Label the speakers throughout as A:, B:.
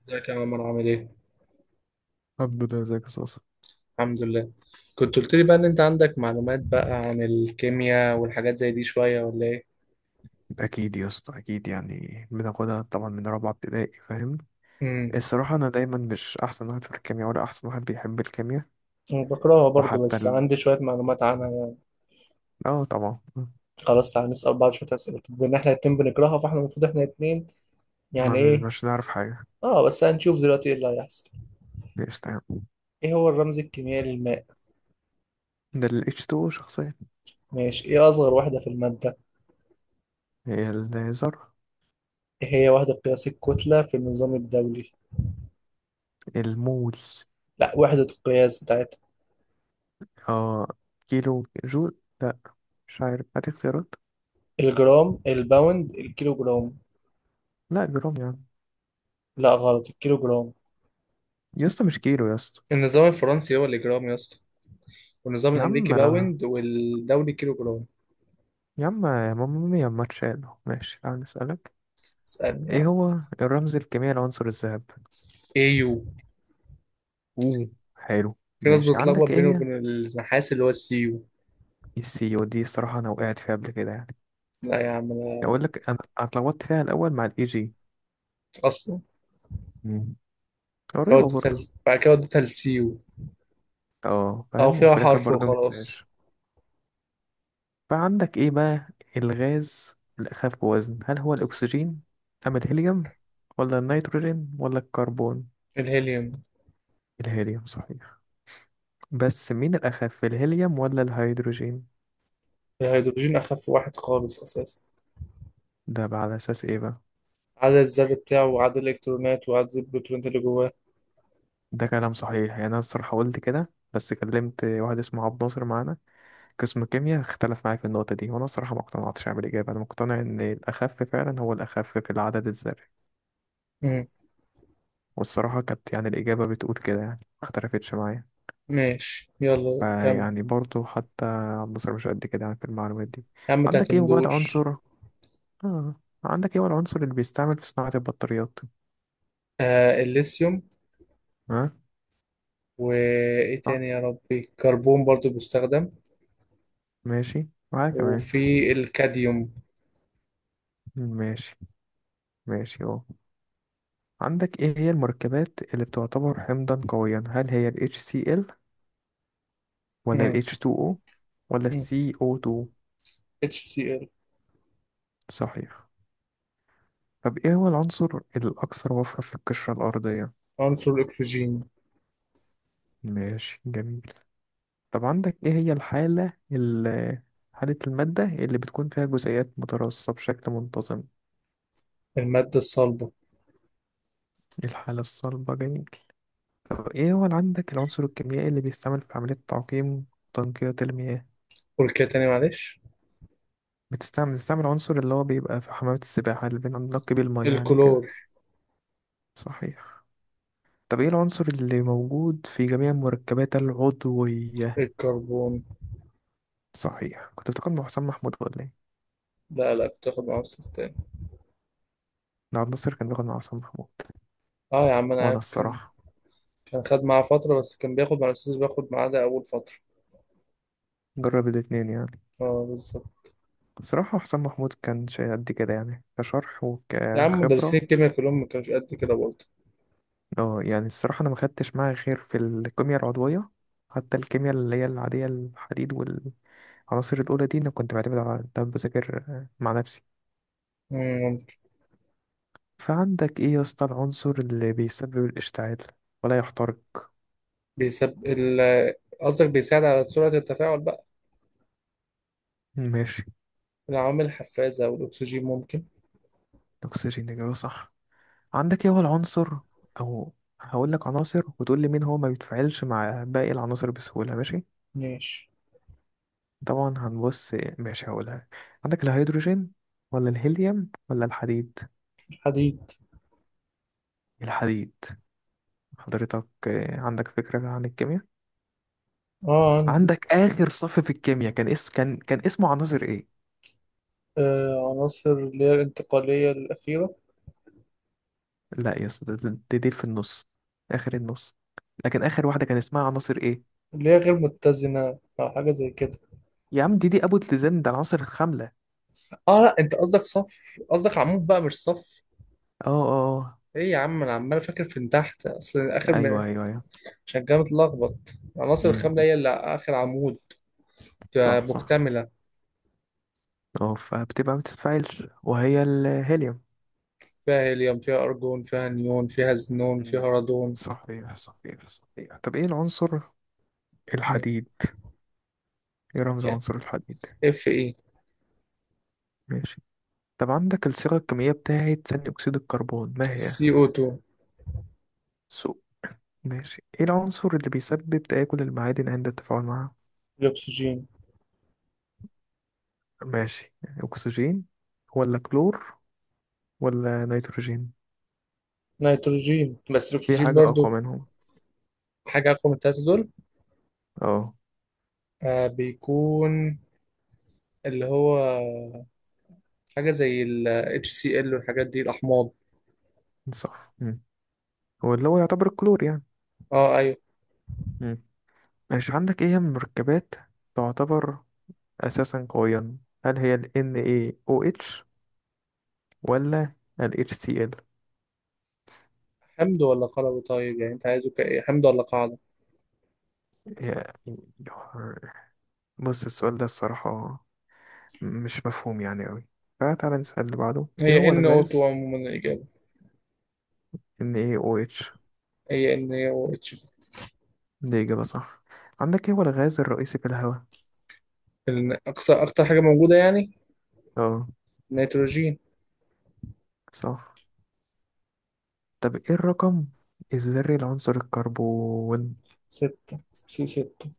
A: ازيك يا عمر عامل ايه؟
B: الحمد لله. ازيك يا صاصة؟
A: الحمد لله. كنت قلت لي بقى ان انت عندك معلومات بقى عن الكيمياء والحاجات زي دي شوية ولا ايه؟
B: اكيد يا اسطى، اكيد، يعني بناخدها طبعا من رابعه ابتدائي، فاهم.
A: امم.
B: الصراحه انا دايما مش احسن واحد في الكيمياء، ولا احسن واحد بيحب الكيمياء.
A: أنا بكرهها برضو،
B: وحتى
A: بس
B: ال...
A: عندي شوية معلومات عنها.
B: اه طبعا.
A: خلاص تعالى نسأل بعض شوية أسئلة، بما إن إحنا الاتنين بنكرهها فإحنا المفروض إحنا الاتنين
B: ما
A: يعني
B: بن-
A: إيه.
B: مش نعرف حاجه.
A: آه، بس هنشوف دلوقتي إيه اللي هيحصل.
B: مش تمام.
A: إيه هو الرمز الكيميائي للماء؟
B: ده ال H2O شخصيا.
A: ماشي. إيه أصغر وحدة في المادة؟
B: هي الذرة.
A: إيه هي وحدة قياس الكتلة في النظام الدولي؟
B: المول.
A: لأ، وحدة القياس بتاعتها.
B: اه، كيلو جول، لا. مش عارف، هات اختيارات.
A: الجرام، الباوند، الكيلو جرام.
B: لا جرام يا عم،
A: لأ غلط، الكيلو جرام.
B: يا اسطى مش كيلو يا اسطى.
A: النظام الفرنسي هو اللي جرام يا اسطى، والنظام
B: يا عم
A: الامريكي
B: لا،
A: باوند والدولي كيلو جرام.
B: يا عم يا ماما يا ما تشالو. ماشي، تعال نسألك.
A: اسالني
B: ايه
A: يعني.
B: هو الرمز الكيميائي لعنصر الذهب؟
A: ايه يو.
B: اوه، حلو،
A: في ناس
B: ماشي.
A: بتتلخبط
B: عندك ايه
A: بينه
B: هي؟
A: وبين النحاس اللي هو السي يو.
B: السي، ودي الصراحه انا وقعت فيها قبل كده يعني.
A: لا يا عم انا.
B: اقول لك انا اتلخبطت فيها الاول مع الاي جي.
A: اصلا.
B: مم. قريبه برضه.
A: بعد كده وديتها للسي يو.
B: اه
A: او
B: فاهم،
A: فيها
B: وفي الاخر
A: حرف
B: برضه
A: وخلاص.
B: مجبتهاش. فعندك ايه بقى؟ الغاز الاخف بوزن، هل هو الاكسجين ام الهيليوم ولا النيتروجين ولا الكربون؟
A: الهيليوم.
B: الهيليوم صحيح. بس مين الاخف، الهيليوم ولا الهيدروجين؟
A: الهيدروجين اخف واحد خالص اساسا.
B: ده بقى على اساس ايه بقى؟
A: عدد الذر بتاعه وعدد الالكترونات وعدد البروتونات اللي جواه.
B: ده كلام صحيح، يعني انا الصراحه قلت كده، بس كلمت واحد اسمه عبد الناصر معانا، قسم كيمياء، اختلف معايا في النقطه دي، وانا الصراحه ما اقتنعتش بالاجابه. انا مقتنع ان الاخف فعلا هو الاخف في العدد الذري.
A: مم.
B: والصراحه كانت يعني الاجابه بتقول كده، يعني ما اختلفتش معايا.
A: ماشي، يلا كمل.
B: فيعني برضه حتى عبد الناصر مش قد كده يعني في المعلومات دي.
A: يا عم
B: عندك ايه هو بقى
A: متعتمدوش.
B: العنصر؟ اه، عندك ايه هو العنصر اللي بيستعمل في صناعه البطاريات؟
A: آه، الليثيوم.
B: ها.
A: وايه
B: صح.
A: تاني يا ربي، كربون برضو بيستخدم.
B: ماشي معايا كمان.
A: وفي الكاديوم.
B: ماشي، ماشي اهو. عندك ايه هي المركبات اللي بتعتبر حمضا قويا، هل هي ال HCl ولا ال
A: مم.
B: H2O ولا ال
A: مم.
B: CO2؟
A: HCl.
B: صحيح. طب ايه هو العنصر الاكثر وفرة في القشرة الارضية؟
A: عنصر الأكسجين.
B: ماشي جميل. طب عندك ايه هي حالة المادة اللي بتكون فيها جزيئات متراصة بشكل منتظم؟
A: المادة الصلبة.
B: الحالة الصلبة، جميل. طب ايه هو اللي عندك، العنصر الكيميائي اللي بيستعمل في عملية تعقيم وتنقية المياه؟
A: قول كده تاني معلش.
B: بتستعمل عنصر اللي هو بيبقى في حمامات السباحة اللي بننقي بيه المية يعني وكده.
A: الكلور.
B: صحيح. طب ايه العنصر اللي موجود في جميع المركبات العضوية؟
A: الكربون.
B: صحيح. كنت بتاخد مع حسام محمود ولا ايه؟
A: لا، لا، بتاخد مع أستاذ تاني.
B: نعم، ناصر كان بياخد مع حسام محمود
A: اه يا عم أنا
B: وانا
A: عارف كان.
B: الصراحة.
A: كان خد معاه فترة بس كان بياخد مع الأستاذ اللي بياخد معاه ده أول فترة.
B: جرب الاتنين يعني.
A: اه بالظبط.
B: الصراحة حسام محمود كان شيء قد كده يعني، كشرح
A: يا عم مدرسين
B: وكخبرة.
A: الكيمياء كلهم ما كانوش قد كده برضه.
B: اه يعني الصراحة انا ما خدتش معاه غير في الكيمياء العضوية. حتى الكيمياء اللي هي العادية، الحديد والعناصر الأولى دي، أنا كنت بعتمد على ده بذاكر مع نفسي.
A: مم.
B: فعندك إيه يا اسطى، العنصر اللي بيسبب الاشتعال ولا يحترق؟
A: بيسب ال قصدك بيساعد على سرعة التفاعل بقى.
B: ماشي.
A: العوامل الحفازة والأكسجين ممكن.
B: الأكسجين إجابة صح. عندك إيه هو العنصر، أو هقول لك عناصر وتقول لي مين هو ما بيتفاعلش مع باقي العناصر بسهولة، ماشي؟
A: ماشي.
B: طبعا هنبص، ماشي، هقولها. عندك الهيدروجين ولا الهيليوم ولا الحديد؟
A: الحديد.
B: الحديد. حضرتك آه، عندك فكرة عن الكيمياء.
A: اه عندي.
B: عندك آخر صف في الكيمياء، كان اس كان كان اسمه عناصر إيه؟
A: آه، عناصر اللي هي الانتقالية الأخيرة.
B: لا يا اسطى، دي في النص، آخر النص. لكن آخر واحدة كان اسمها عناصر إيه؟
A: اللي هي غير متزنة أو حاجة زي كده.
B: يا عم دي أبو تلزان، ده العناصر الخاملة.
A: اه لا، انت قصدك صف. قصدك عمود بقى مش صف.
B: اه اه، آه.
A: ايه يا عم، انا عمال فاكر في من تحت،
B: ايوه ايوه ايوه.
A: عشان كده متلخبط. العناصر
B: امم،
A: الخاملة هي اللي اخر عمود. آه،
B: صح صح.
A: مكتملة.
B: اه فبتبقى ما بتتفاعلش، وهي الهيليوم.
A: فيها هيليوم فيها ارجون فيها نيون فيها زنون فيها
B: مم.
A: رادون.
B: صحيح صحيح صحيح. طب ايه العنصر،
A: مم.
B: الحديد، ايه رمز عنصر الحديد؟
A: اف ايه.
B: ماشي. طب عندك الصيغة الكيميائية بتاعت ثاني أكسيد الكربون ما هي؟
A: سي او 2.
B: سو، ماشي. ايه العنصر اللي بيسبب تآكل المعادن عند التفاعل معها؟
A: الاكسجين.
B: ماشي. أكسجين ولا كلور ولا نيتروجين؟
A: نيتروجين بس
B: في
A: الاكسجين
B: حاجة أقوى
A: برضو.
B: منهم.
A: حاجة اقوى من التلاتة دول.
B: اه،
A: آه، بيكون، اللي هو، حاجة زي ال HCl والحاجات دي، الأحماض.
B: صح. هو اللي هو يعتبر الكلور
A: اه أيوه.
B: يعني. مش عندك ايه هي من المركبات تعتبر اساسا قويا، هل هي ال NaOH ولا ال HCl؟
A: حمض ولا قلوي؟ طيب يعني أنت عايزه كإيه، حمض ولا قاعدة؟
B: يا- بص السؤال ده الصراحة مش مفهوم يعني أوي. فتعالى نسأل اللي بعده. ايه
A: هي
B: هو
A: NO2
B: الغاز؟
A: عموما الإجابة.
B: NaOH.
A: هي NaOH.
B: دي إجابة صح. عندك ايه هو الغاز الرئيسي في الهواء؟
A: أكتر حاجة موجودة يعني.
B: اه،
A: نيتروجين.
B: صح. طب ايه الرقم الذري لعنصر الكربون؟
A: ستة. سي 6.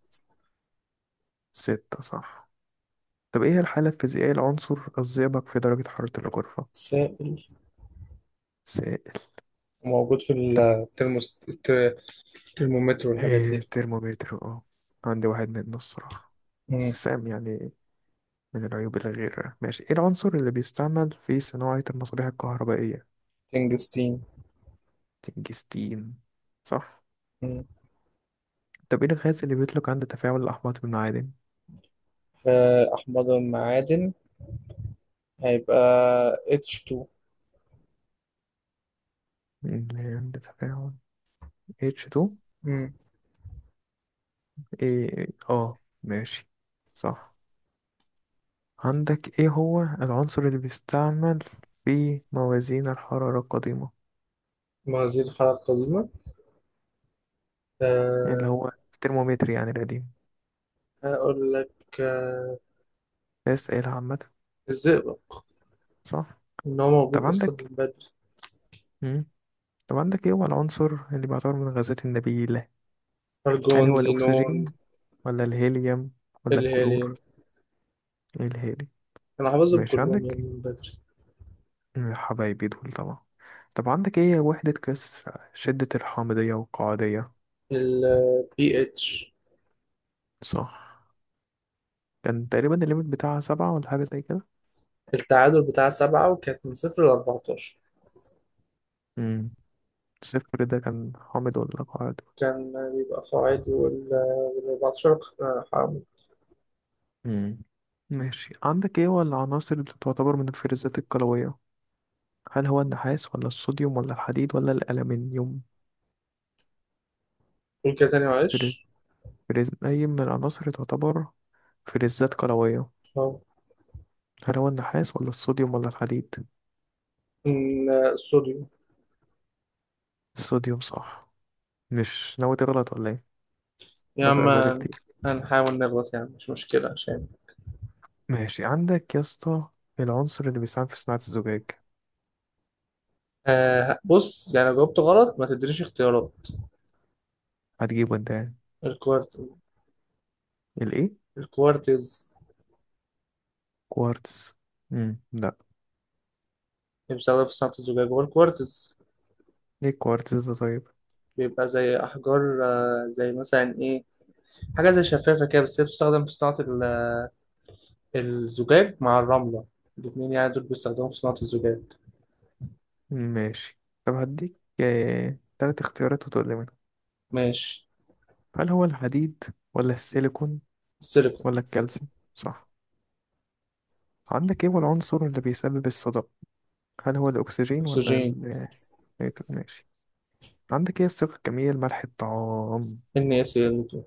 B: ستة، صح. طب ايه الحالة الفيزيائية لعنصر الزئبق في درجة حرارة الغرفة؟
A: سائل. موجود في الترموس الترمومتر والحاجات دي.
B: إيه، ترمومتر، اه. عندي واحد منه الصراحة،
A: مم.
B: بس سام يعني، من العيوب. الغير ماشي، ايه العنصر اللي بيستعمل في صناعة المصابيح الكهربائية؟
A: تنجستين.
B: تنجستين، صح.
A: مم.
B: طب ايه الغاز اللي بيطلق عند تفاعل الأحماض بالمعادن؟
A: آه، أحماض المعادن هيبقى H2.
B: اللي عند تفاعل. H2.
A: مم.
B: ايه اه، ماشي، صح. عندك ايه هو العنصر اللي بيستعمل في موازين الحرارة القديمة،
A: مغازيل الحرارة القديمة.
B: اللي
A: أه.
B: هو الترمومتر يعني القديم؟
A: هقول لك.
B: اسئلة عامة.
A: الزئبق.
B: صح.
A: إن هو موجود
B: طب
A: أصلا
B: عندك،
A: من بدري.
B: مم. طب عندك ايه هو العنصر اللي بيعتبر من الغازات النبيلة، هل
A: أرجون
B: هو
A: زينون.
B: الأكسجين ولا الهيليوم ولا
A: الهيليوم.
B: الكلور؟ الهادي.
A: أنا حافظهم
B: ماشي
A: كلهم يا
B: عندك،
A: ابني من بدري.
B: يا حبايبي دول طبعا. طب عندك ايه وحدة قياس شدة الحامضية والقاعدية؟
A: ال pH.
B: صح. كان تقريبا الليميت بتاعها سبعة ولا حاجة زي كده.
A: التعادل بتاع 7، وكانت من 0 لـ14.
B: مم. صفر ده كان حامض ولا قاعد؟
A: كان بيبقى قاعدي و14 حامل.
B: مم. ماشي. عندك ايه هو العناصر اللي تعتبر من الفلزات القلوية، هل هو النحاس ولا الصوديوم ولا الحديد ولا الألمنيوم؟
A: قول كده تاني معلش.
B: فلز، أي من العناصر تعتبر فلزات قلوية؟
A: أه.
B: هل هو النحاس ولا الصوديوم ولا الحديد؟
A: الصوديوم.
B: الصوديوم، صح. مش ناوي تغلط ولا ايه؟
A: يا عم.
B: بسأل بقالي كتير.
A: هنحاول نغلط يعني مش مشكلة عشان.
B: ماشي عندك يا اسطى، العنصر اللي بيساهم في صناعة الزجاج؟
A: آه، بص يعني لو جاوبت غلط ما تدريش اختيارات.
B: هتجيبه انت يعني.
A: الكوارت
B: الايه؟
A: الكوارتز.
B: كوارتز. لا،
A: اللي بيستخدم في صناعة الزجاج هو الكوارتز.
B: ايه الكوارتز ده طيب؟
A: بيبقى زي أحجار، زي مثلا إيه، حاجة زي شفافة كده، بس هي بتستخدم في صناعة الزجاج مع الرملة. الاتنين يعني دول بيستخدموا في صناعة الزجاج.
B: ماشي. طب هديك تلات اختيارات وتقول لي منهم،
A: ماشي.
B: هل هو الحديد ولا السيليكون
A: السيليكون.
B: ولا الكالسيوم؟ صح. عندك ايه هو العنصر اللي بيسبب الصدأ، هل هو الأكسجين ولا
A: أكسجين.
B: ال، إيه، طب ماشي. عندك ايه الصيغة الكيميائية لملح الطعام؟
A: NaCl2.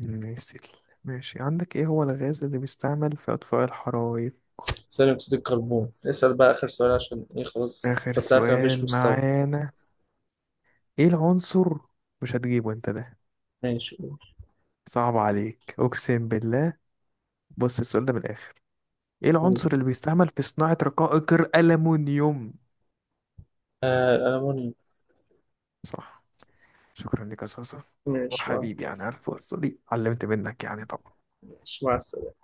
B: نسيل، ماشي. عندك ايه هو الغاز اللي بيستعمل في أطفاء الحرائق؟
A: ثاني أكسيد الكربون. اسأل بقى آخر سؤال عشان إيه، خلاص أنت
B: آخر
A: طلعت مفيش
B: سؤال
A: مستوى.
B: معانا، ايه العنصر، مش هتجيبه انت ده،
A: ماشي قول.
B: صعب عليك أقسم بالله. بص السؤال ده من الآخر، ايه
A: قول.
B: العنصر اللي بيستعمل في صناعة رقائق الألمنيوم؟
A: آه، الألمونيوم.
B: صح، شكرا لك يا صاصة.
A: ماشي مع
B: وحبيبي يعني، عارف القصة دي علمت منك يعني طبعا.
A: ماشي مع السلامة.